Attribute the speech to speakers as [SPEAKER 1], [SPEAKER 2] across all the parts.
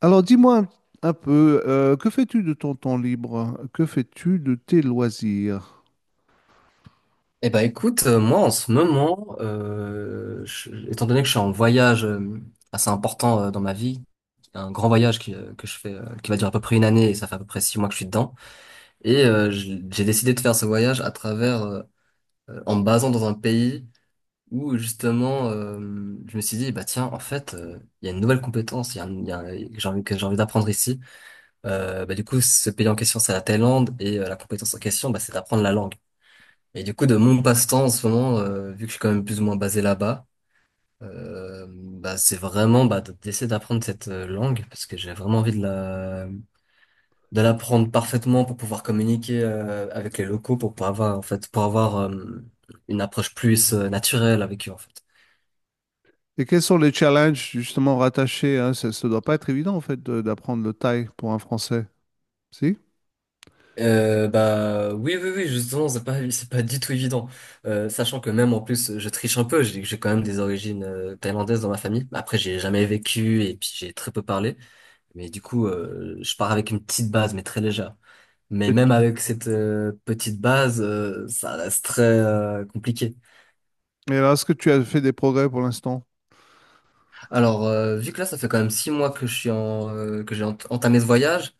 [SPEAKER 1] Alors dis-moi un peu, que fais-tu de ton temps libre? Que fais-tu de tes loisirs?
[SPEAKER 2] Eh ben écoute, moi en ce moment, étant donné que je suis en voyage assez important dans ma vie, un grand voyage que je fais, qui va durer à peu près une année et ça fait à peu près 6 mois que je suis dedans, et j'ai décidé de faire ce voyage à travers, en me basant dans un pays où justement, je me suis dit, bah tiens, en fait, il y a une nouvelle compétence, il y a, un- il y a un- que j'ai envie d'apprendre ici. Du coup, ce pays en question, c'est la Thaïlande, et la compétence en question, bah, c'est d'apprendre la langue. Et du coup, de mon passe-temps en ce moment, vu que je suis quand même plus ou moins basé là-bas, c'est vraiment d'essayer d'apprendre cette langue parce que j'ai vraiment envie de l'apprendre parfaitement pour pouvoir communiquer avec les locaux, pour pouvoir avoir en fait pour avoir une approche plus naturelle avec eux en fait.
[SPEAKER 1] Et quels sont les challenges justement rattachés, hein? Ça ne doit pas être évident en fait d'apprendre le thaï pour un Français, si?
[SPEAKER 2] Bah oui oui oui justement c'est pas du tout évident. Sachant que même en plus je triche un peu, j'ai quand même des origines thaïlandaises dans ma famille, après j'ai jamais vécu et puis j'ai très peu parlé. Mais du coup, je pars avec une petite base, mais très légère. Mais
[SPEAKER 1] Et
[SPEAKER 2] même avec cette petite base, ça reste très compliqué.
[SPEAKER 1] alors, est-ce que tu as fait des progrès pour l'instant?
[SPEAKER 2] Alors, vu que là, ça fait quand même 6 mois que je suis en, que j'ai entamé ce voyage,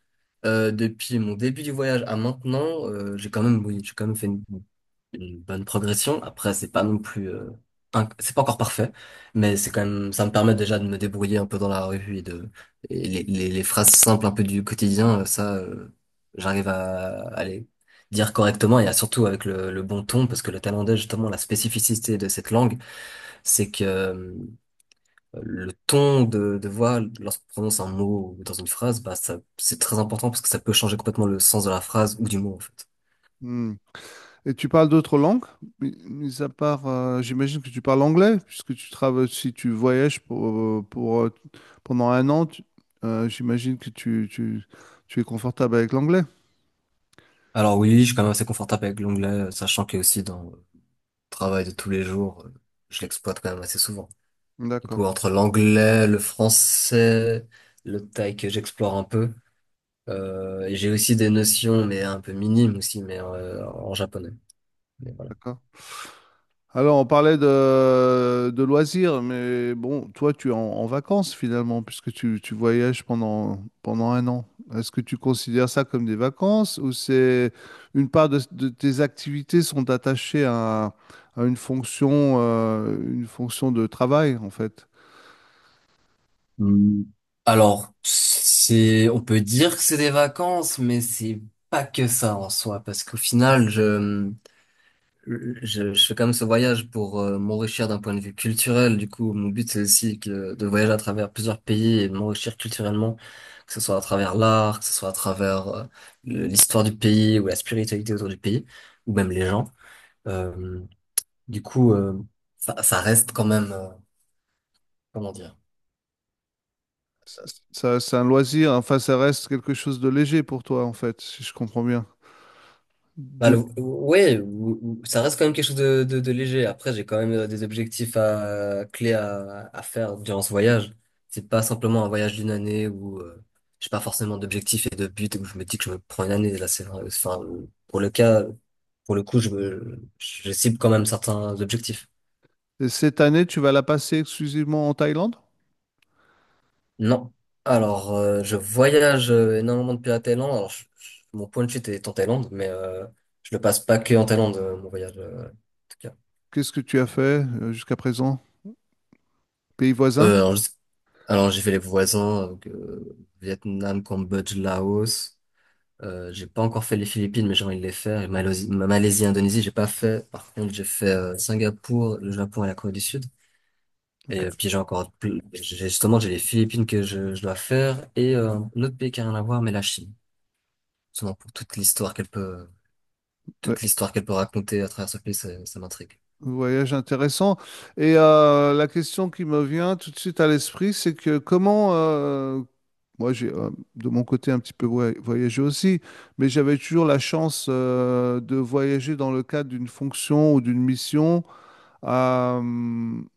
[SPEAKER 2] depuis mon début du voyage à maintenant, j'ai quand même, oui, j'ai quand même fait une bonne progression. Après, c'est pas non plus, c'est pas encore parfait, mais c'est quand même, ça me permet déjà de me débrouiller un peu dans la revue, et et les phrases simples un peu du quotidien, j'arrive à les dire correctement et surtout avec le bon ton, parce que le thaïlandais, justement, la spécificité de cette langue, c'est que le ton de voix, lorsqu'on prononce un mot ou dans une phrase, bah, ça, c'est très important parce que ça peut changer complètement le sens de la phrase ou du mot, en fait.
[SPEAKER 1] Hmm. Et tu parles d'autres langues? Mis à part, j'imagine que tu parles anglais, puisque tu travailles, si tu voyages pour, euh, pour, euh, pendant un an, j'imagine que tu es confortable avec l'anglais.
[SPEAKER 2] Alors oui, je suis quand même assez confortable avec l'onglet, sachant que aussi dans le travail de tous les jours, je l'exploite quand même assez souvent. Du coup,
[SPEAKER 1] D'accord,
[SPEAKER 2] entre l'anglais, le français, le thaï que j'explore un peu, et j'ai aussi des notions, mais un peu minimes aussi, mais en japonais. Mais voilà.
[SPEAKER 1] d'accord. Alors, on parlait de loisirs, mais bon, toi, tu es en, en vacances finalement, puisque tu, tu voyages pendant, pendant un an. Est-ce que tu considères ça comme des vacances ou c'est une part de tes activités sont attachées à une fonction de travail, en fait?
[SPEAKER 2] Hmm. Alors, c'est, on peut dire que c'est des vacances, mais c'est pas que ça en soi, parce qu'au final, je fais quand même ce voyage pour m'enrichir d'un point de vue culturel. Du coup, mon but, c'est aussi de voyager à travers plusieurs pays et m'enrichir culturellement, que ce soit à travers l'art, que ce soit à travers l'histoire du pays ou la spiritualité autour du pays, ou même les gens. Euh, du coup, euh, ça, ça reste quand même, comment dire?
[SPEAKER 1] C- Ça, c'est un loisir, enfin, ça reste quelque chose de léger pour toi, en fait, si je comprends bien.
[SPEAKER 2] Bah,
[SPEAKER 1] De...
[SPEAKER 2] ouais, ça reste quand même quelque chose de léger. Après, j'ai quand même des objectifs clés à faire durant ce voyage. C'est pas simplement un voyage d'une année où j'ai pas forcément d'objectifs et de buts où je me dis que je me prends une année. Là, c'est vrai. Enfin, pour le cas, pour le coup, je cible quand même certains objectifs.
[SPEAKER 1] Et cette année, tu vas la passer exclusivement en Thaïlande?
[SPEAKER 2] Non. Alors, je voyage énormément depuis la Thaïlande. Alors, mon point de chute est en Thaïlande, mais je le passe pas que en Thaïlande, mon voyage, en tout cas.
[SPEAKER 1] Qu'est-ce que tu as fait jusqu'à présent? Pays voisin?
[SPEAKER 2] Euh, alors, je- alors, j'ai fait les voisins, donc, Vietnam, Cambodge, Laos. J'ai pas encore fait les Philippines, mais j'ai envie de les faire. Et Malaisie, Malaisie, Indonésie, j'ai pas fait. Par contre, j'ai fait Singapour, le Japon et la Corée du Sud. Et puis j'ai encore, justement, j'ai les Philippines je dois faire et un autre pays qui a rien à voir, mais la Chine. Justement, pour
[SPEAKER 1] Ouais,
[SPEAKER 2] toute l'histoire qu'elle peut raconter à travers ce pays, ça m'intrigue.
[SPEAKER 1] voyage intéressant. Et la question qui me vient tout de suite à l'esprit, c'est que comment, moi j'ai de mon côté un petit peu voyagé aussi, mais j'avais toujours la chance de voyager dans le cadre d'une fonction ou d'une mission. Euh,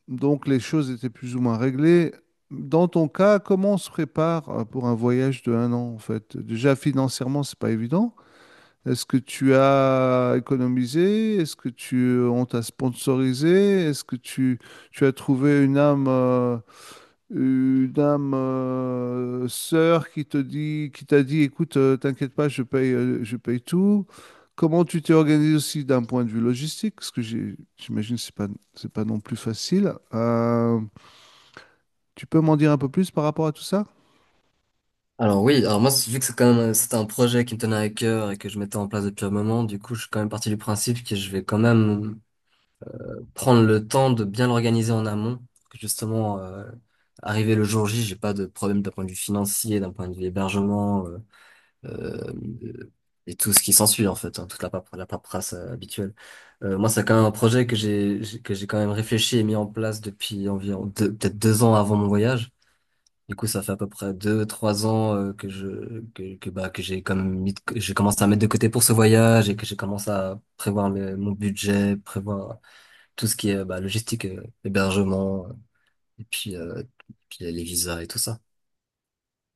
[SPEAKER 1] donc les choses étaient plus ou moins réglées. Dans ton cas, comment on se prépare pour un voyage de un an en fait? Déjà financièrement, c'est pas évident. Est-ce que tu as économisé? Est-ce que tu, on t'a sponsorisé? Est-ce que tu as trouvé une âme sœur qui te dit, qui t'a dit, écoute, t'inquiète pas, je paye tout. Comment tu t'es organisé aussi d'un point de vue logistique? Parce que j'imagine que c'est pas non plus facile. Tu peux m'en dire un peu plus par rapport à tout ça?
[SPEAKER 2] Alors oui, alors moi, vu que c'est quand même, c'était un projet qui me tenait à cœur et que je mettais en place depuis un moment, du coup, je suis quand même parti du principe que je vais quand même prendre le temps de bien l'organiser en amont, que justement, arrivé le jour J, j'ai pas de problème d'un point de vue financier, d'un point de vue hébergement, euh, euh, et tout ce qui s'ensuit en fait, hein, toute la la paperasse habituelle. Moi, c'est quand même un projet que j'ai quand même réfléchi et mis en place depuis environ peut-être 2 ans avant mon voyage. Du coup, ça fait à peu près 2, 3 ans que bah que j'ai commencé à mettre de côté pour ce voyage et que j'ai commencé à prévoir mon budget, prévoir tout ce qui est bah, logistique, hébergement et puis, puis les visas et tout ça.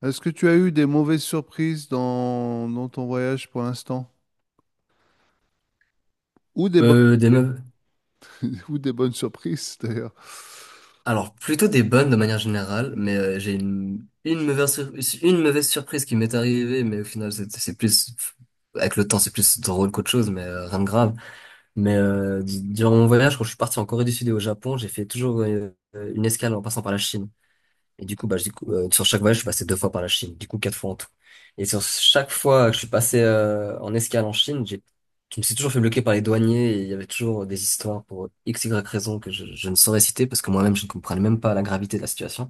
[SPEAKER 1] Est-ce que tu as eu des mauvaises surprises dans, dans ton voyage pour l'instant? Ou des bonnes
[SPEAKER 2] Des meufs.
[SPEAKER 1] ou des bonnes surprises, d'ailleurs.
[SPEAKER 2] Alors plutôt des bonnes de manière générale, mais j'ai une une mauvaise surprise qui m'est arrivée, mais au final c'est plus avec le temps, c'est plus drôle qu'autre chose, mais rien de grave. Mais durant mon voyage, quand je suis parti en Corée du Sud et au Japon, j'ai fait toujours une escale en passant par la Chine. Et du coup, sur chaque voyage, je suis passé 2 fois par la Chine, du coup 4 fois en tout. Et sur chaque fois que je suis passé en escale en Chine, je me suis toujours fait bloquer par les douaniers et il y avait toujours des histoires pour x, y raison je ne saurais citer parce que moi-même, je ne comprenais même pas la gravité de la situation.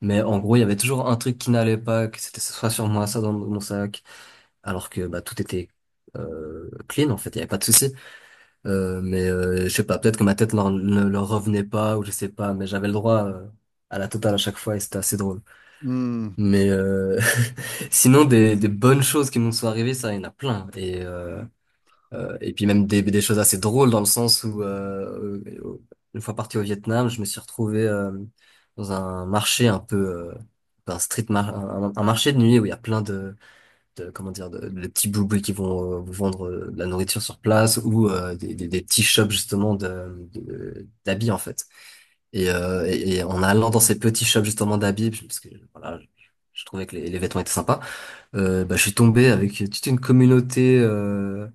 [SPEAKER 2] Mais en gros, il y avait toujours un truc qui n'allait pas, que c'était soit sur moi, soit dans mon sac, alors que bah, tout était clean en fait, il n'y avait pas de souci. Je sais pas, peut-être que ma ne leur revenait pas ou je sais pas, mais j'avais le droit à la totale à chaque fois et c'était assez drôle.
[SPEAKER 1] Hmm.
[SPEAKER 2] Mais euh, sinon des bonnes choses qui nous sont arrivées, ça il y en a plein et puis même des choses assez drôles dans le sens où une fois parti au Vietnam, je me suis retrouvé dans un marché un peu un marché de nuit où il y a plein de comment dire, de petits boubouis qui vont vous vendre de la nourriture sur place ou des petits shops justement d'habits en fait. Et, et en allant dans ces petits shops justement d'habits, parce que voilà, je trouvais que les vêtements étaient sympas, je suis tombé avec toute une communauté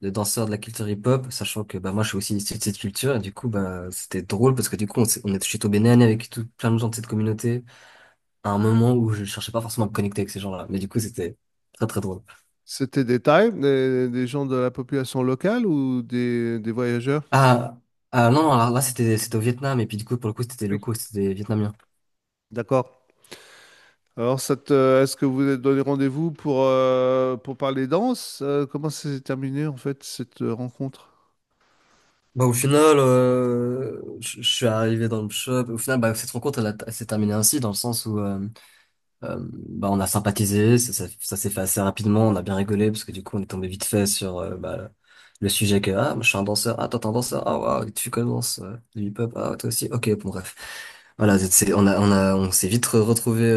[SPEAKER 2] de danseurs de la culture hip-hop, sachant que bah, moi je suis aussi issu de cette culture, et du coup bah, c'était drôle parce que du coup on, s'est- on est, je suis tombé nez à nez avec tout, plein de gens de cette communauté à un moment où je cherchais pas forcément à me connecter avec ces gens-là, mais du coup c'était très très drôle.
[SPEAKER 1] C'était des Thaïs, des gens de la population locale ou des voyageurs?
[SPEAKER 2] Ah, ah non, alors là c'était au Vietnam et puis du coup pour le coup c'était des
[SPEAKER 1] Oui.
[SPEAKER 2] locaux, c'était des vietnamiens.
[SPEAKER 1] D'accord. Alors, est-ce que vous vous êtes donné rendez-vous pour parler danse? Comment ça s'est terminé en fait cette rencontre?
[SPEAKER 2] Bah au final, je suis arrivé dans le shop. Au final, bah cette rencontre elle s'est terminée ainsi dans le sens où Euh, on a sympathisé, ça s'est fait assez rapidement, on a bien rigolé parce que du coup on est tombé vite fait sur le sujet que ah moi, je suis un danseur, ah toi t'es un danseur, ah waouh tu commences du hip-hop, ah toi aussi, ok bon bref. Voilà, on a on s'est vite retrouvé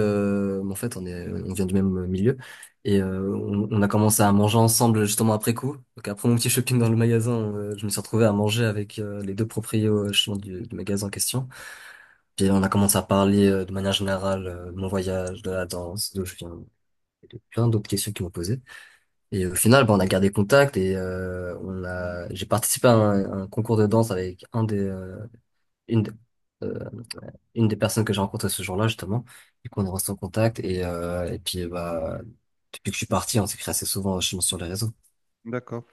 [SPEAKER 2] en fait, on est on vient du même milieu et on a commencé à manger ensemble justement après coup. Donc après mon petit shopping dans le magasin, je me suis retrouvé à manger avec les 2 proprios justement, du magasin en question. Puis on a commencé à parler de manière générale de mon voyage, de la danse, d'où je viens, et de plein d'autres questions qu'ils m'ont posées. Et au final, bah, on a gardé contact et j'ai participé à un concours de danse avec un des, une, de- euh, une des personnes que j'ai rencontrées ce jour-là justement. Du coup, on est en contact et puis bah depuis que je suis parti, on s'écrit assez souvent justement sur les réseaux.
[SPEAKER 1] D'accord.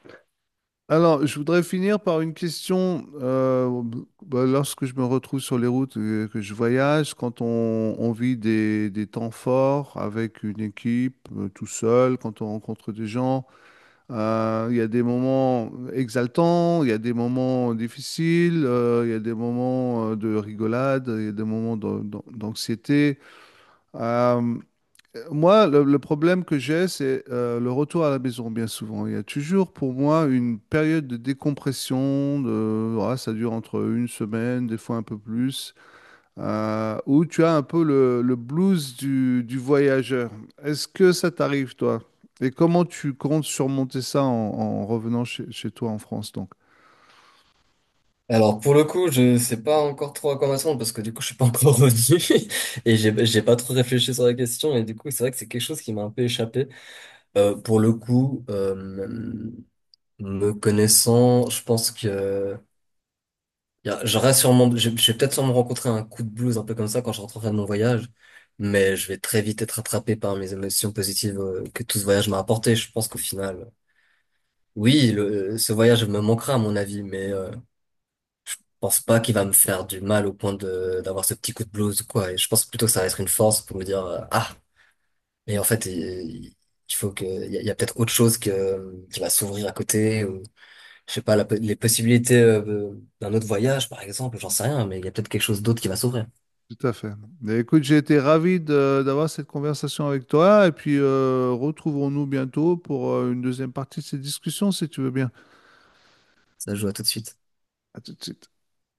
[SPEAKER 1] Alors, je voudrais finir par une question. Lorsque je me retrouve sur les routes, que je voyage, quand on vit des temps forts avec une équipe, tout seul, quand on rencontre des gens, il y a des moments exaltants, il y a des moments difficiles, il y a des moments de rigolade, il y a des moments d'anxiété. Euh, Moi, le problème que j'ai, c'est le retour à la maison, bien souvent. Il y a toujours pour moi une période de décompression, de, ouais, ça dure entre une semaine, des fois un peu plus, où tu as un peu le blues du voyageur. Est-ce que ça t'arrive, toi? Et comment tu comptes surmonter ça en, en revenant chez, chez toi en France, donc?
[SPEAKER 2] Alors pour le coup, je sais pas encore trop à quoi m'attendre parce que du coup, je suis pas encore revenu et j'ai pas trop réfléchi sur la question et du coup, c'est vrai que c'est quelque chose qui m'a un peu échappé. Euh, pour le coup, euh, me connaissant, je pense que j'aurais sûrement, je vais peut-être sûrement rencontrer un coup de blues un peu comme ça quand je rentrerai de mon voyage, mais je vais très vite être attrapé par mes émotions positives que tout ce voyage m'a apporté. Je pense qu'au final, oui, ce voyage me manquera à mon avis, mais je pense pas qu'il va me faire du mal au point de d'avoir ce petit coup de blues ou quoi. Et je pense plutôt que ça va être une force pour me dire ah, mais en fait, il faut que il y a peut-être autre chose que qui va s'ouvrir à côté. Je sais pas, les possibilités d'un autre voyage, par exemple, j'en sais rien, mais il y a peut-être quelque chose d'autre qui va s'ouvrir.
[SPEAKER 1] Tout à fait. Mais écoute, j'ai été ravi d'avoir cette conversation avec toi et puis retrouvons-nous bientôt pour une deuxième partie de cette discussion, si tu veux bien.
[SPEAKER 2] Ça je joue à tout de suite.
[SPEAKER 1] À tout de suite.